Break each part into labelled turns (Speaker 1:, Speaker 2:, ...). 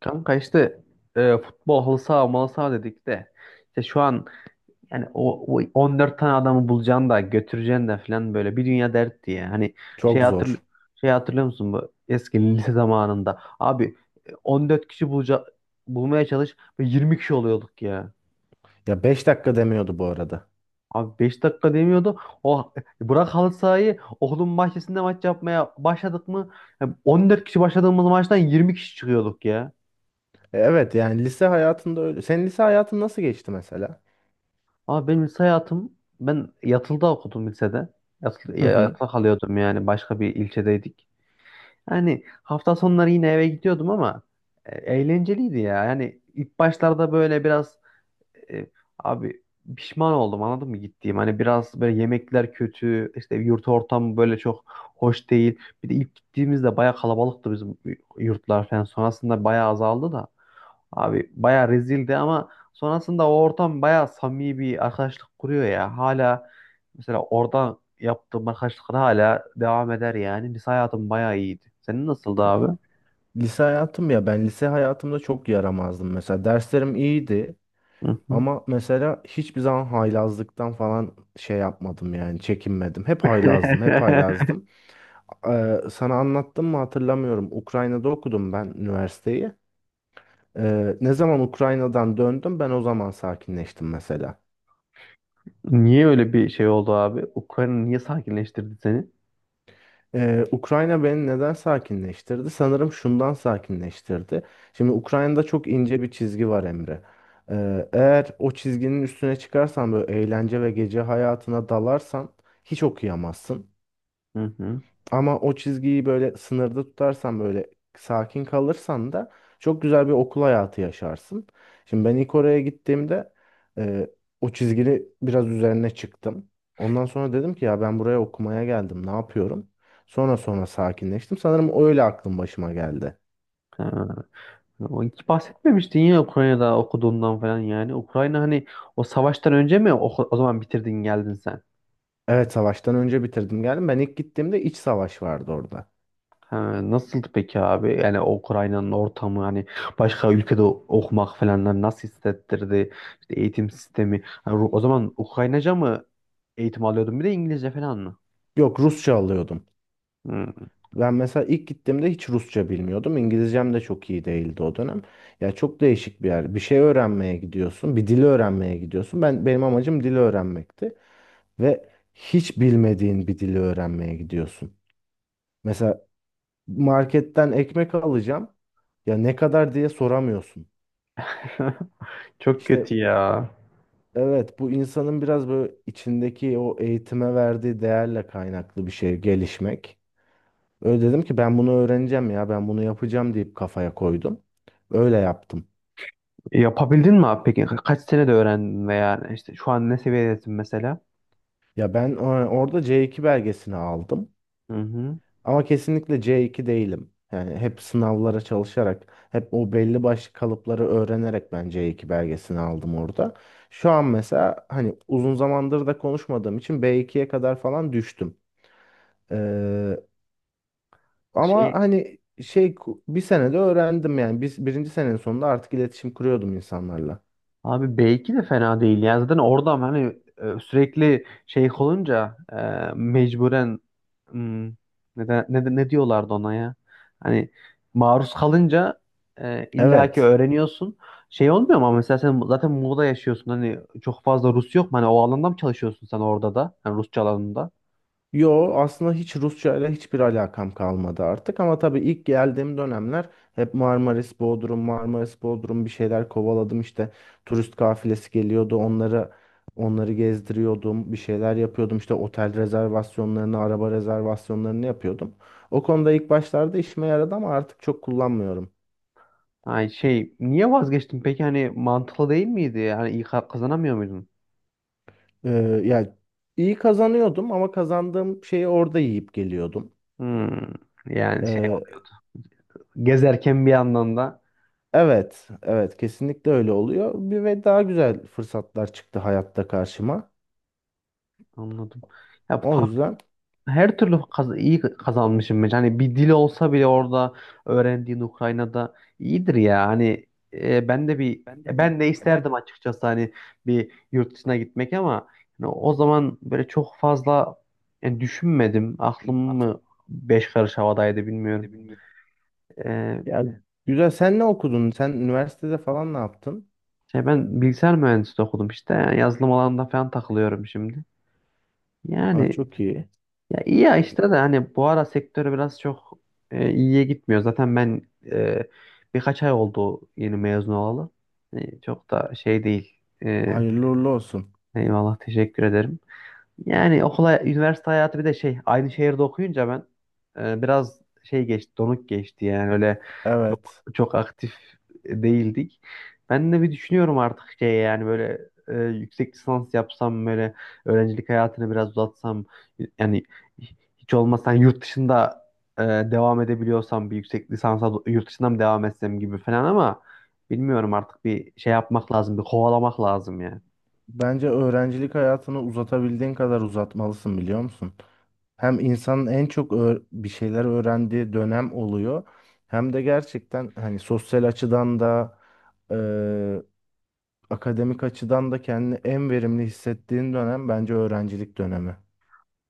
Speaker 1: Kanka işte. Futbol halı saha malı saha dedik de işte şu an yani o 14 tane adamı bulacaksın da götüreceksin de falan böyle bir dünya dert diye. Hani şey
Speaker 2: Çok
Speaker 1: hatırl
Speaker 2: zor.
Speaker 1: şey hatırlıyor musun bu eski lise zamanında? Abi 14 kişi bulmaya çalış ve 20 kişi oluyorduk ya.
Speaker 2: Ya 5 dakika demiyordu bu arada.
Speaker 1: Abi 5 dakika demiyordu. O Bırak halı sahayı okulun bahçesinde maç yapmaya başladık mı? Yani 14 kişi başladığımız maçtan 20 kişi çıkıyorduk ya.
Speaker 2: Evet yani lise hayatında öyle. Senin lise hayatın nasıl geçti mesela?
Speaker 1: Ama benim lise hayatım, ben yatılıda okudum lisede. Yatılı,
Speaker 2: Hı
Speaker 1: ya-
Speaker 2: hı.
Speaker 1: yatılı kalıyordum yani başka bir ilçedeydik. Yani hafta sonları yine eve gidiyordum ama eğlenceliydi ya. Yani ilk başlarda böyle biraz e, abi pişman oldum anladın mı gittiğim. Hani biraz böyle yemekler kötü, işte yurt ortamı böyle çok hoş değil. Bir de ilk gittiğimizde baya kalabalıktı bizim yurtlar falan. Sonrasında baya azaldı da. Abi bayağı rezildi, ama sonrasında o ortam bayağı samimi bir arkadaşlık kuruyor ya. Hala mesela oradan yaptığım arkadaşlıklar hala devam eder yani. Lise hayatım bayağı iyiydi. Senin nasıldı abi?
Speaker 2: Lise hayatım ya ben lise hayatımda çok yaramazdım mesela. Derslerim iyiydi
Speaker 1: Hı hı.
Speaker 2: ama mesela hiçbir zaman haylazlıktan falan şey yapmadım yani çekinmedim. Hep haylazdım, hep haylazdım. Sana anlattım mı hatırlamıyorum. Ukrayna'da okudum ben üniversiteyi. Ne zaman Ukrayna'dan döndüm ben o zaman sakinleştim mesela.
Speaker 1: Niye öyle bir şey oldu abi? Ukrayna niye sakinleştirdi seni?
Speaker 2: Ukrayna beni neden sakinleştirdi? Sanırım şundan sakinleştirdi. Şimdi Ukrayna'da çok ince bir çizgi var Emre. Eğer o çizginin üstüne çıkarsan böyle eğlence ve gece hayatına dalarsan hiç okuyamazsın.
Speaker 1: Hı hı.
Speaker 2: Ama o çizgiyi böyle sınırda tutarsan böyle sakin kalırsan da çok güzel bir okul hayatı yaşarsın. Şimdi ben ilk oraya gittiğimde e, o çizgini biraz üzerine çıktım. Ondan sonra dedim ki ya ben buraya okumaya geldim ne yapıyorum? Sonra sonra sakinleştim. Sanırım öyle aklım başıma geldi.
Speaker 1: Ha, o hiç bahsetmemiştin ya Ukrayna'da okuduğundan falan yani. Ukrayna hani o savaştan önce mi o zaman bitirdin geldin sen?
Speaker 2: Evet, savaştan önce bitirdim geldim. Ben ilk gittiğimde iç savaş vardı orada.
Speaker 1: Ha, nasıldı peki abi? Yani o Ukrayna'nın ortamı, hani başka ülkede okumak falan nasıl hissettirdi? İşte eğitim sistemi. Ha, o zaman Ukraynaca mı eğitim alıyordun, bir de İngilizce falan mı?
Speaker 2: Yok, Rusça alıyordum.
Speaker 1: Hmm.
Speaker 2: Ben mesela ilk gittiğimde hiç Rusça bilmiyordum. İngilizcem de çok iyi değildi o dönem. Ya çok değişik bir yer. Bir şey öğrenmeye gidiyorsun, bir dili öğrenmeye gidiyorsun. Ben benim amacım dili öğrenmekti ve hiç bilmediğin bir dili öğrenmeye gidiyorsun. Mesela marketten ekmek alacağım. Ya ne kadar diye soramıyorsun.
Speaker 1: Çok
Speaker 2: İşte
Speaker 1: kötü ya.
Speaker 2: evet, bu insanın biraz böyle içindeki o eğitime verdiği değerle kaynaklı bir şey gelişmek. Öyle dedim ki ben bunu öğreneceğim ya ben bunu yapacağım deyip kafaya koydum. Öyle yaptım.
Speaker 1: Yapabildin mi abi peki? Kaç senede öğrendin veya işte şu an ne seviyedesin mesela?
Speaker 2: Ya ben orada C2 belgesini aldım.
Speaker 1: Hı hı.
Speaker 2: Ama kesinlikle C2 değilim. Yani hep sınavlara çalışarak, hep o belli başlı kalıpları öğrenerek ben C2 belgesini aldım orada. Şu an mesela hani uzun zamandır da konuşmadığım için B2'ye kadar falan düştüm. Ama
Speaker 1: Şey
Speaker 2: hani şey bir senede öğrendim yani. Biz birinci senenin sonunda artık iletişim kuruyordum insanlarla.
Speaker 1: abi belki de fena değil. Yani zaten orada hani sürekli şey olunca mecburen. Hmm, ne diyorlardı ona ya? Hani maruz kalınca illaki
Speaker 2: Evet.
Speaker 1: öğreniyorsun. Şey olmuyor mu ama, mesela sen zaten Muğla'da yaşıyorsun. Hani çok fazla Rus yok mu? Hani o alanda mı çalışıyorsun sen orada da? Hani Rusça alanında.
Speaker 2: Yo, aslında hiç Rusça ile hiçbir alakam kalmadı artık ama tabii ilk geldiğim dönemler hep Marmaris, Bodrum, Marmaris, Bodrum bir şeyler kovaladım işte, turist kafilesi geliyordu, onları gezdiriyordum, bir şeyler yapıyordum işte, otel rezervasyonlarını, araba rezervasyonlarını yapıyordum. O konuda ilk başlarda işime yaradı ama artık çok kullanmıyorum.
Speaker 1: Hani şey niye vazgeçtin peki? Hani mantıklı değil miydi? Hani iyi kazanamıyor muydun?
Speaker 2: Ee, yani iyi kazanıyordum ama kazandığım şeyi orada yiyip geliyordum.
Speaker 1: Hmm, Yani şey
Speaker 2: Ee,
Speaker 1: oluyordu. Gezerken bir yandan da.
Speaker 2: Evet, evet, kesinlikle öyle oluyor. Bir ve daha güzel fırsatlar çıktı hayatta karşıma.
Speaker 1: Anladım. Ya
Speaker 2: O yüzden
Speaker 1: her türlü iyi kazanmışım bence. Hani bir dil olsa bile orada öğrendiğin Ukrayna'da iyidir ya. Hani e, ben de bir
Speaker 2: Ben de bir-
Speaker 1: ben de isterdim açıkçası, hani bir yurt dışına gitmek, ama hani o zaman böyle çok fazla yani düşünmedim. Aklım mı 5 karış havadaydı bilmiyorum. E,
Speaker 2: yani güzel. Sen ne okudun? Sen üniversitede falan ne yaptın?
Speaker 1: Şey ben bilgisayar mühendisliği okudum işte. Yani yazılım alanında falan takılıyorum şimdi.
Speaker 2: Aa,
Speaker 1: Yani
Speaker 2: çok iyi.
Speaker 1: ya iyi ya,
Speaker 2: ya,
Speaker 1: işte de hani bu ara sektörü biraz çok iyiye gitmiyor. Zaten ben e, birkaç ay oldu yeni mezun olalı. Çok da şey değil.
Speaker 2: Hayırlı uğurlu olsun.
Speaker 1: Eyvallah, teşekkür ederim. Yani okula, üniversite hayatı, bir de şey aynı şehirde okuyunca ben biraz şey geçti, donuk geçti yani, öyle çok
Speaker 2: Evet.
Speaker 1: çok aktif değildik. Ben de bir düşünüyorum artık şey, yani böyle yüksek lisans yapsam, böyle öğrencilik hayatını biraz uzatsam, yani hiç olmazsa hani yurt dışında devam edebiliyorsam bir yüksek lisansa yurt dışından mı devam etsem gibi falan, ama bilmiyorum, artık bir şey yapmak lazım, bir kovalamak lazım yani.
Speaker 2: Bence öğrencilik hayatını uzatabildiğin kadar uzatmalısın biliyor musun? Hem insanın en çok bir şeyler öğrendiği dönem oluyor. Hem de gerçekten hani sosyal açıdan da eee, akademik açıdan da kendini en verimli hissettiğin dönem bence öğrencilik dönemi.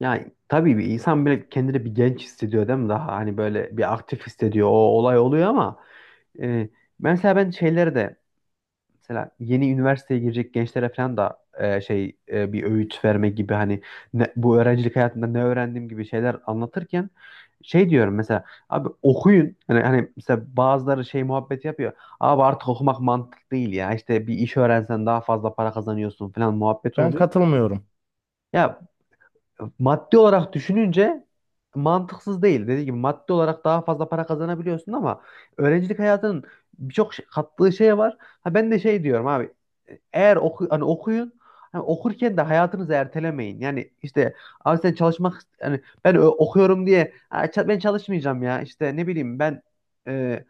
Speaker 1: Yani tabii bir insan böyle kendini bir genç hissediyor değil mi? Daha hani böyle bir aktif hissediyor. O olay oluyor, ama e, mesela ben şeylere de, mesela yeni üniversiteye girecek gençlere falan da şey bir öğüt verme gibi, hani bu öğrencilik hayatında ne öğrendiğim gibi şeyler anlatırken, şey diyorum mesela, abi okuyun. Hani mesela bazıları şey muhabbet yapıyor. Abi artık okumak mantık değil ya. İşte bir iş öğrensen daha fazla para kazanıyorsun falan muhabbeti
Speaker 2: Ben
Speaker 1: oluyor.
Speaker 2: katılmıyorum.
Speaker 1: Ya maddi olarak düşününce mantıksız değil. Dediğim gibi maddi olarak daha fazla para kazanabiliyorsun, ama öğrencilik hayatının birçok kattığı şey var. Ha ben de şey diyorum abi, eğer hani okuyun, hani okurken de hayatınızı ertelemeyin. Yani işte abi sen çalışmak, yani ben okuyorum diye "Ha, ben çalışmayacağım ya, işte ne bileyim ben e,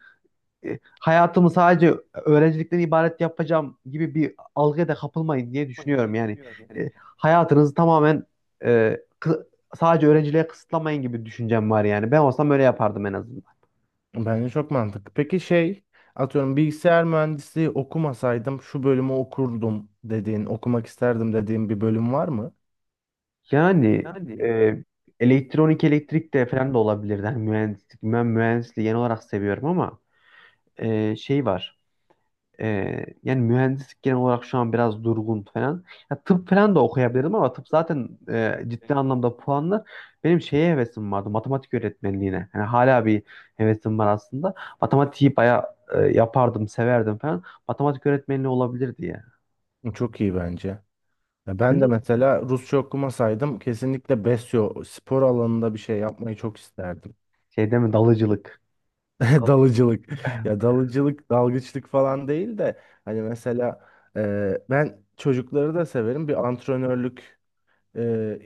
Speaker 1: hayatımı sadece öğrencilikten ibaret yapacağım" gibi bir algıya da kapılmayın diye düşünüyorum. Yani hayatınızı tamamen e, kı- sadece öğrenciliğe kısıtlamayın gibi düşüncem var yani. Ben olsam öyle yapardım en azından.
Speaker 2: Bence çok mantıklı. Peki şey, atıyorum bilgisayar mühendisliği okumasaydım şu bölümü okurdum dediğin, okumak isterdim dediğin bir bölüm var mı?
Speaker 1: Yani e, elektronik elektrik de falan da olabilir. Yani mühendislik, ben mühendisliği genel olarak seviyorum, ama şey var. Yani mühendislik genel olarak şu an biraz durgun falan. Ya tıp falan da okuyabilirim, ama tıp zaten ciddi anlamda puanlar. Benim şeye hevesim vardı, matematik öğretmenliğine. Yani hala bir hevesim var aslında. Matematiği bayağı yapardım, severdim falan. Matematik öğretmenliği olabilirdi ya.
Speaker 2: Çok iyi bence. Ya
Speaker 1: Sen
Speaker 2: ben de
Speaker 1: de
Speaker 2: mesela Rusça okumasaydım kesinlikle Besyo spor alanında bir şey yapmayı çok isterdim.
Speaker 1: şey deme, dalıcılık.
Speaker 2: Dalıcılık. Ya dalıcılık, dalgıçlık falan değil de hani mesela ben çocukları da severim. Bir antrenörlük e,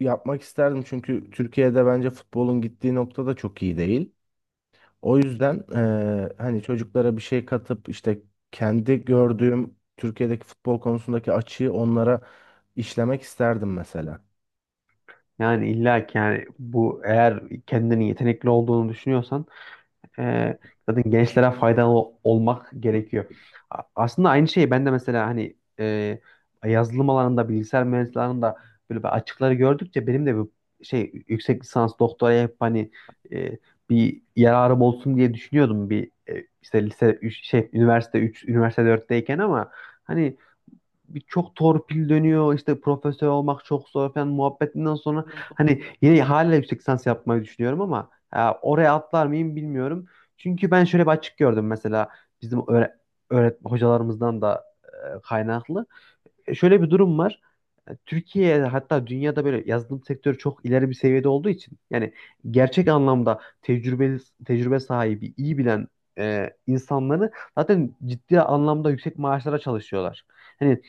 Speaker 2: yapmak isterdim. Çünkü Türkiye'de bence futbolun gittiği nokta da çok iyi değil. O yüzden hani çocuklara bir şey katıp işte kendi gördüğüm Türkiye'deki futbol konusundaki açığı onlara işlemek isterdim mesela.
Speaker 1: Yani illa ki, yani bu eğer kendini yetenekli olduğunu düşünüyorsan e, zaten gençlere faydalı olmak gerekiyor. Aslında aynı şeyi ben de, mesela hani yazılım alanında bilgisayar mühendisliği alanında böyle bir açıkları gördükçe benim de bu şey, yüksek lisans doktoraya hep hani e, bir yararım olsun diye düşünüyordum, bir işte lise 3 şey üniversite 3 üniversite 4'teyken, ama hani bir çok torpil dönüyor, işte profesör olmak çok zor falan muhabbetinden sonra hani yine hala yüksek lisans yapmayı düşünüyorum, ama oraya atlar mıyım bilmiyorum. Çünkü ben şöyle bir açık gördüm, mesela bizim öğre öğret hocalarımızdan da kaynaklı. Şöyle bir durum var. Türkiye, hatta dünyada böyle yazılım sektörü çok ileri bir seviyede olduğu için, yani gerçek anlamda tecrübe sahibi, iyi bilen insanları zaten ciddi anlamda yüksek maaşlara çalışıyorlar. Hani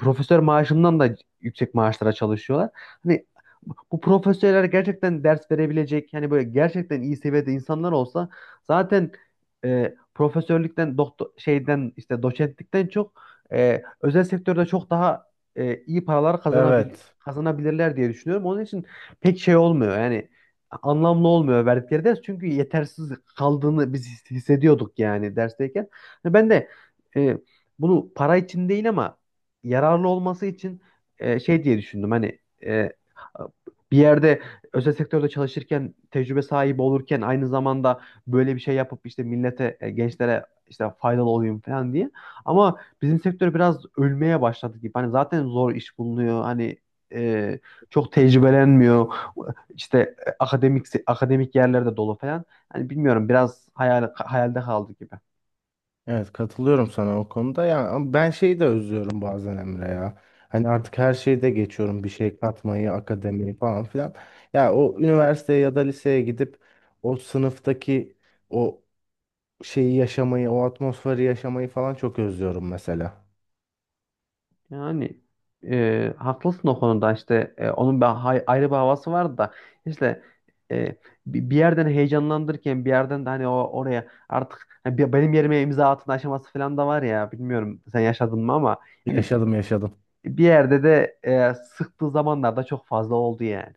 Speaker 1: profesör maaşından da yüksek maaşlara çalışıyorlar. Hani bu profesörler gerçekten ders verebilecek, yani böyle gerçekten iyi seviyede insanlar olsa zaten profesörlükten, doktor şeyden, işte doçentlikten çok özel sektörde çok daha iyi paralar
Speaker 2: Evet.
Speaker 1: kazanabilirler diye düşünüyorum. Onun için pek şey olmuyor yani, anlamlı olmuyor verdikleri ders, çünkü yetersiz kaldığını biz hissediyorduk yani dersteyken. Hani ben de e, bunu para için değil, ama yararlı olması için şey diye düşündüm, hani e, bir yerde özel sektörde çalışırken, tecrübe sahibi olurken aynı zamanda böyle bir şey yapıp, işte millete gençlere işte faydalı olayım falan diye. Ama bizim sektör biraz ölmeye başladı gibi. Hani zaten zor iş bulunuyor. Hani e, çok tecrübelenmiyor. İşte akademik akademik yerlerde dolu falan. Hani bilmiyorum, biraz hayalde kaldı gibi.
Speaker 2: Evet, katılıyorum sana o konuda ya ama ben şeyi de özlüyorum bazen Emre ya. Hani artık her şeyi de geçiyorum bir şey katmayı, akademiyi falan filan. Ya o üniversiteye ya da liseye gidip o sınıftaki o şeyi yaşamayı, o atmosferi yaşamayı falan çok özlüyorum mesela.
Speaker 1: Yani haklısın o konuda, işte onun bir ayrı bir havası vardı da, işte e, bir yerden heyecanlandırırken bir yerden de hani o oraya artık hani benim yerime imza atın aşaması falan da var ya, bilmiyorum sen yaşadın mı ama yani
Speaker 2: Yaşadım, yaşadım.
Speaker 1: bir yerde de sıktığı zamanlarda çok fazla oldu yani.